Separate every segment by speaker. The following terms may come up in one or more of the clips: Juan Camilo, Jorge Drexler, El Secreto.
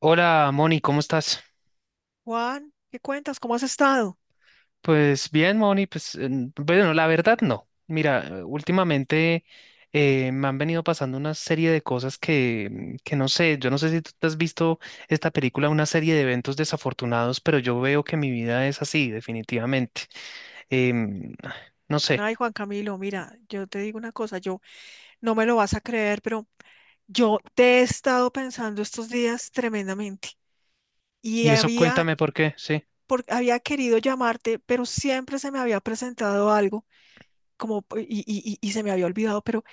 Speaker 1: Hola, Moni, ¿cómo estás?
Speaker 2: Juan, ¿qué cuentas? ¿Cómo has estado?
Speaker 1: Pues bien, Moni, pues la verdad no. Mira, últimamente me han venido pasando una serie de cosas que, que no sé, yo no sé si tú te has visto esta película, una serie de eventos desafortunados, pero yo veo que mi vida es así, definitivamente. Em, no sé.
Speaker 2: Ay, Juan Camilo, mira, yo te digo una cosa, yo no me lo vas a creer, pero yo te he estado pensando estos días tremendamente y
Speaker 1: Y eso
Speaker 2: había,
Speaker 1: cuéntame por qué, sí.
Speaker 2: había querido llamarte, pero siempre se me había presentado algo como, y se me había olvidado, pero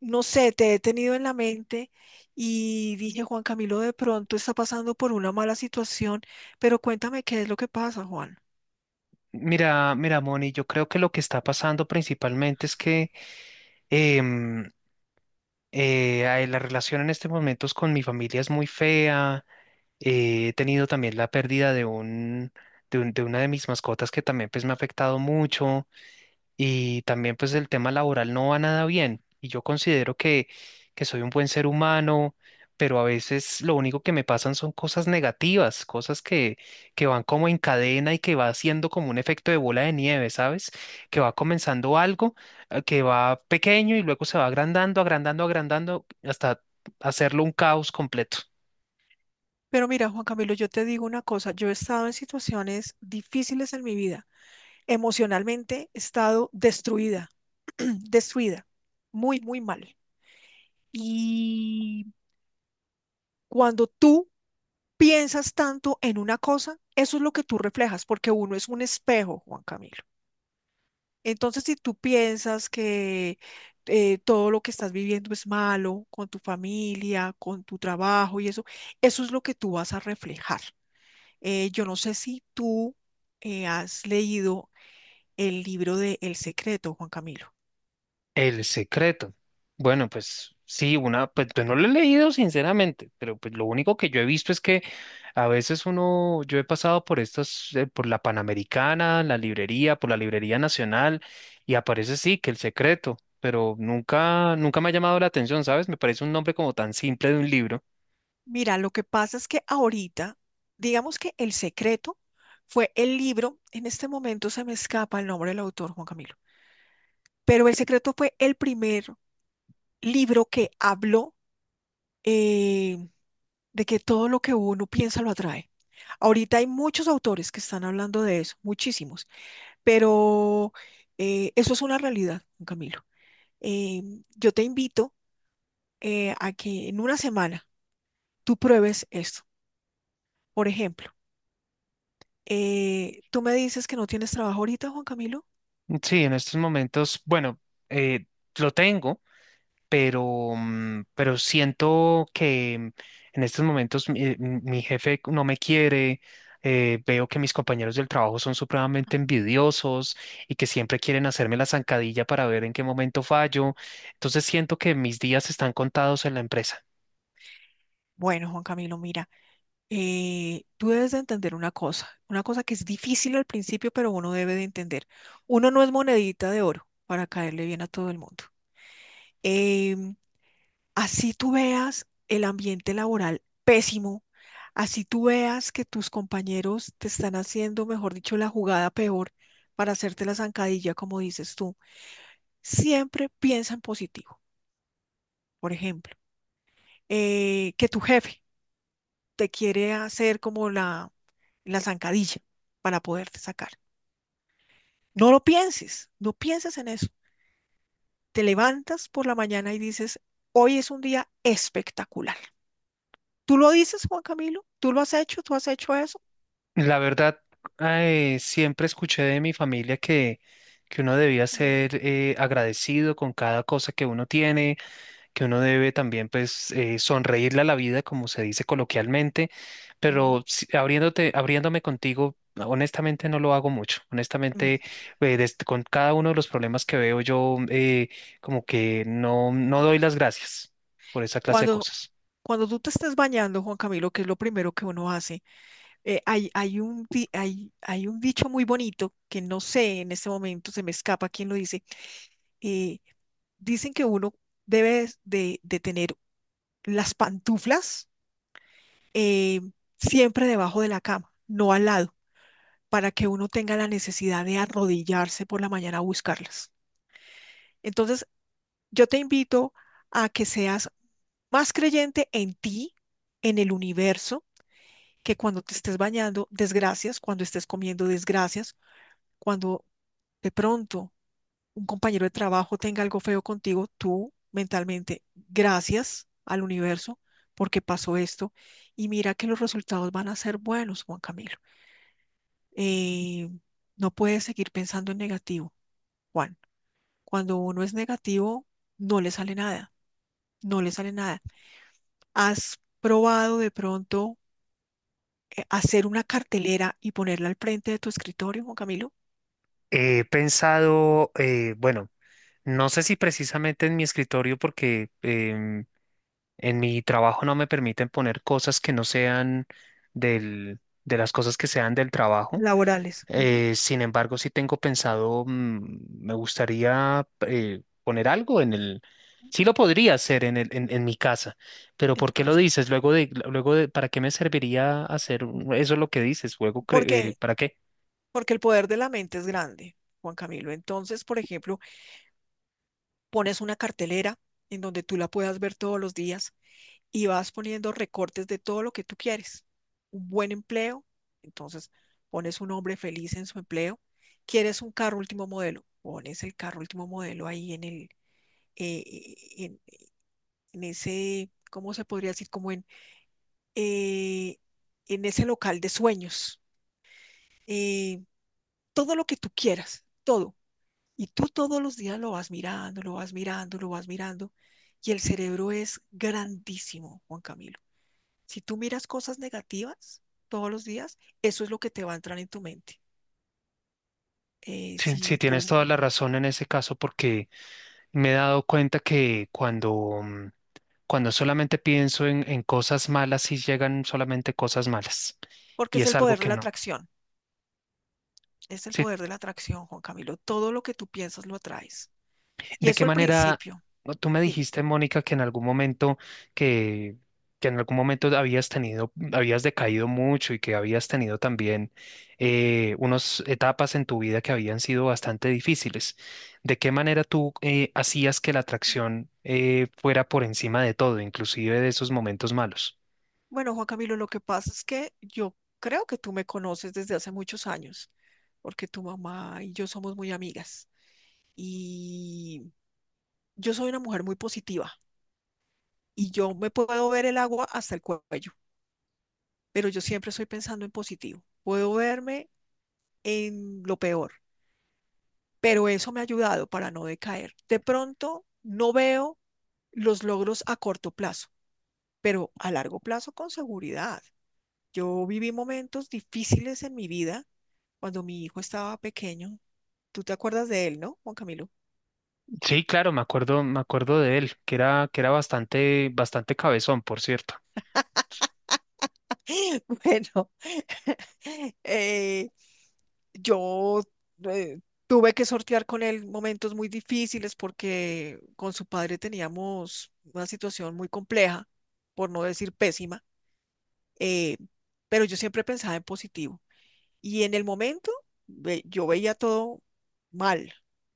Speaker 2: no sé, te he tenido en la mente y dije, Juan Camilo de pronto está pasando por una mala situación, pero cuéntame qué es lo que pasa, Juan.
Speaker 1: Mira, Moni, yo creo que lo que está pasando principalmente es que em, ay, la relación en este momento es con mi familia es muy fea. He tenido también la pérdida de un, de una de mis mascotas que también pues me ha afectado mucho, y también pues el tema laboral no va nada bien y yo considero que soy un buen ser humano, pero a veces lo único que me pasan son cosas negativas, cosas que van como en cadena y que va haciendo como un efecto de bola de nieve, ¿sabes? Que va comenzando algo que va pequeño y luego se va agrandando, agrandando, agrandando hasta hacerlo un caos completo.
Speaker 2: Pero mira, Juan Camilo, yo te digo una cosa, yo he estado en situaciones difíciles en mi vida. Emocionalmente he estado destruida, destruida, muy, muy mal. Y cuando tú piensas tanto en una cosa, eso es lo que tú reflejas, porque uno es un espejo, Juan Camilo. Entonces, si tú piensas que todo lo que estás viviendo es malo, con tu familia, con tu trabajo y eso es lo que tú vas a reflejar. Yo no sé si tú has leído el libro de El Secreto, Juan Camilo.
Speaker 1: El secreto. Bueno, pues sí, una, pues yo no lo he leído sinceramente, pero pues lo único que yo he visto es que a veces uno, yo he pasado por estas, por la Panamericana, la librería, por la Librería Nacional, y aparece sí que el secreto, pero nunca me ha llamado la atención, ¿sabes? Me parece un nombre como tan simple de un libro.
Speaker 2: Mira, lo que pasa es que ahorita, digamos que El Secreto fue el libro, en este momento se me escapa el nombre del autor, Juan Camilo, pero El Secreto fue el primer libro que habló. eh, de que todo lo que uno piensa lo atrae. Ahorita hay muchos autores que están hablando de eso, muchísimos, pero eso es una realidad, don Camilo. Eh, yo te invito a que en una semana tú pruebes esto. Por ejemplo, tú me dices que no tienes trabajo ahorita, Juan Camilo.
Speaker 1: Sí, en estos momentos, bueno, eh, lo tengo. Pero, pero siento que en estos momentos mi, mi jefe no me quiere, veo que mis compañeros del trabajo son supremamente envidiosos y que siempre quieren hacerme la zancadilla para ver en qué momento fallo, entonces siento que mis días están contados en la empresa.
Speaker 2: Bueno, Juan Camilo, mira, tú debes de entender una cosa que es difícil al principio, pero uno debe de entender. Uno no es monedita de oro para caerle bien a todo el mundo. Em, Así tú veas el ambiente laboral pésimo, así tú veas que tus compañeros te están haciendo, mejor dicho, la jugada peor para hacerte la zancadilla, como dices tú. Siempre piensa en positivo. Por ejemplo, que tu jefe te quiere hacer como la zancadilla para poderte sacar. No lo pienses, no pienses en eso. Te levantas por la mañana y dices, hoy es un día espectacular. ¿Tú lo dices, Juan Camilo? ¿Tú lo has hecho? ¿Tú has hecho eso?
Speaker 1: La verdad, siempre escuché de mi familia que uno debía ser agradecido con cada cosa que uno tiene, que uno debe también pues sonreírle a la vida, como se dice coloquialmente,
Speaker 2: Ujú.
Speaker 1: pero abriéndote, abriéndome contigo, honestamente no lo hago mucho.
Speaker 2: Mm,
Speaker 1: Honestamente, con cada uno de los problemas que veo yo, como que no, no doy las gracias por esa clase de
Speaker 2: Cuando,
Speaker 1: cosas.
Speaker 2: cuando tú te estás bañando, Juan Camilo, que es lo primero que uno hace, hay, hay un dicho muy bonito que no sé en este momento, se me escapa quién lo dice. eh, Dicen que uno debe de tener las pantuflas eh, siempre debajo de la cama, no al lado, para que uno tenga la necesidad de arrodillarse por la mañana a buscarlas. Entonces, yo te invito a que seas más creyente en ti, en el universo que cuando te estés bañando, desgracias, cuando estés comiendo, desgracias, cuando de pronto un compañero de trabajo tenga algo feo contigo, tú mentalmente, gracias al universo porque pasó esto y mira que los resultados van a ser buenos, Juan Camilo. Eh, no puedes seguir pensando en negativo, Juan. Cuando uno es negativo, no le sale nada, no le sale nada. ¿Has probado de pronto hacer una cartelera y ponerla al frente de tu escritorio, Juan Camilo?
Speaker 1: He pensado, bueno, no sé si precisamente en mi escritorio, porque en mi trabajo no me permiten poner cosas que no sean del, de las cosas que sean del trabajo.
Speaker 2: Laborales, ujú,
Speaker 1: Sin embargo, sí tengo pensado, me gustaría poner algo en el... Sí lo podría hacer en el, en mi casa, pero
Speaker 2: en
Speaker 1: ¿por
Speaker 2: tu
Speaker 1: qué lo
Speaker 2: casa.
Speaker 1: dices? Luego de, ¿para qué me serviría eso es lo que dices? Luego,
Speaker 2: ¿Por qué?
Speaker 1: ¿para qué?
Speaker 2: Porque el poder de la mente es grande, Juan Camilo. Entonces, por ejemplo, pones una cartelera en donde tú la puedas ver todos los días y vas poniendo recortes de todo lo que tú quieres. Un buen empleo, entonces pones un hombre feliz en su empleo. ¿Quieres un carro último modelo? Pones el carro último modelo ahí en el, eh, eh, en, en ese, ¿cómo se podría decir? Como eh, en ese local de sueños, eh, todo lo que tú quieras, todo. Y tú todos los días lo vas mirando, lo vas mirando, lo vas mirando. Y el cerebro es grandísimo, Juan Camilo. Si tú miras cosas negativas todos los días, eso es lo que te va a entrar en tu mente.
Speaker 1: Sí,
Speaker 2: Si
Speaker 1: tienes
Speaker 2: tú,
Speaker 1: toda la razón en ese caso, porque me he dado cuenta que cuando, cuando solamente pienso en cosas malas, sí llegan solamente cosas malas,
Speaker 2: porque
Speaker 1: y
Speaker 2: es
Speaker 1: es
Speaker 2: el
Speaker 1: algo
Speaker 2: poder de
Speaker 1: que
Speaker 2: la
Speaker 1: no.
Speaker 2: atracción, es el poder de la atracción, Juan Camilo. Todo lo que tú piensas lo atraes. Y
Speaker 1: ¿De qué
Speaker 2: eso al
Speaker 1: manera
Speaker 2: principio,
Speaker 1: tú me
Speaker 2: dime.
Speaker 1: dijiste, Mónica, que en algún momento que, que en algún momento habías tenido, habías decaído mucho y que habías tenido también unas etapas en tu vida que habían sido bastante difíciles? ¿De qué manera tú hacías que la atracción fuera por encima de todo, inclusive de esos momentos malos?
Speaker 2: Bueno, Juan Camilo, lo que pasa es que yo creo que tú me conoces desde hace muchos años, porque tu mamá y yo somos muy amigas. Y yo soy una mujer muy positiva y yo me puedo ver el agua hasta el cuello, pero yo siempre estoy pensando en positivo. Puedo verme en lo peor, pero eso me ha ayudado para no decaer. De pronto no veo los logros a corto plazo, pero a largo plazo con seguridad. Yo viví momentos difíciles en mi vida cuando mi hijo estaba pequeño. Tú te acuerdas de él, ¿no, Juan Camilo?
Speaker 1: Sí, claro, me acuerdo de él, que era bastante, bastante cabezón, por cierto.
Speaker 2: Bueno, eh, yo eh, tuve que sortear con él momentos muy difíciles porque con su padre teníamos una situación muy compleja, por no decir pésima. eh, pero yo siempre pensaba en positivo. Y en el momento yo veía todo mal,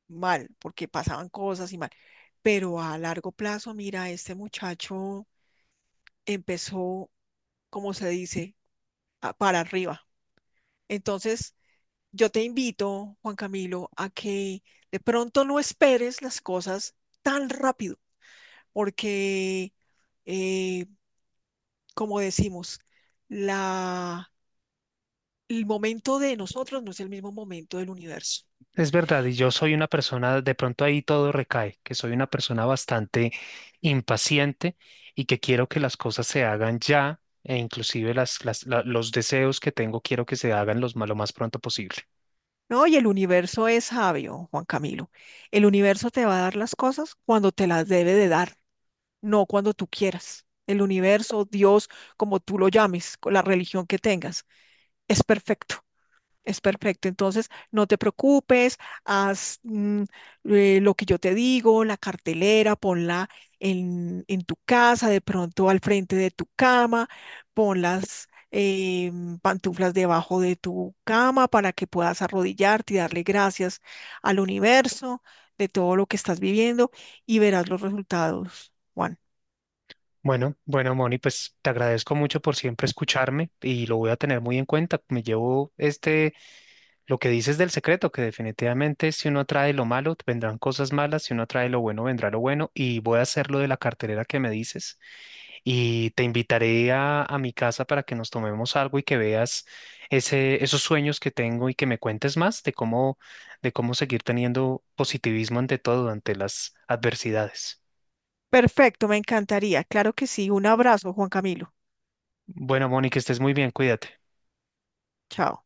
Speaker 2: mal, porque pasaban cosas y mal. Pero a largo plazo, mira, este muchacho empezó, como se dice, para arriba. Entonces, yo te invito, Juan Camilo, a que de pronto no esperes las cosas tan rápido, porque, eh, como decimos, la el momento de nosotros no es el mismo momento del universo.
Speaker 1: Es verdad, y yo soy una persona, de pronto ahí todo recae, que soy una persona bastante impaciente y que quiero que las cosas se hagan ya, e inclusive las, los deseos que tengo quiero que se hagan los, lo más pronto posible.
Speaker 2: No, y el universo es sabio, Juan Camilo. El universo te va a dar las cosas cuando te las debe de dar, no cuando tú quieras. El universo, Dios, como tú lo llames, con la religión que tengas, es perfecto. Es perfecto. Entonces, no te preocupes, haz lo que yo te digo, la cartelera, ponla en tu casa, de pronto al frente de tu cama, pon las pantuflas debajo de tu cama para que puedas arrodillarte y darle gracias al universo de todo lo que estás viviendo y verás los resultados, Juan.
Speaker 1: Bueno, bueno, Moni, pues te agradezco mucho por siempre escucharme y lo voy a tener muy en cuenta. Me llevo este, lo que dices del secreto, que definitivamente si uno trae lo malo, vendrán cosas malas, si uno trae lo bueno, vendrá lo bueno, y voy a hacer lo de la cartelera que me dices. Y te invitaré a mi casa para que nos tomemos algo y que veas ese, esos sueños que tengo y que me cuentes más de cómo seguir teniendo positivismo ante todo, ante las adversidades.
Speaker 2: Perfecto, me encantaría. Claro que sí. Un abrazo, Juan Camilo.
Speaker 1: Bueno, Mónica, estés muy bien, cuídate.
Speaker 2: Chao.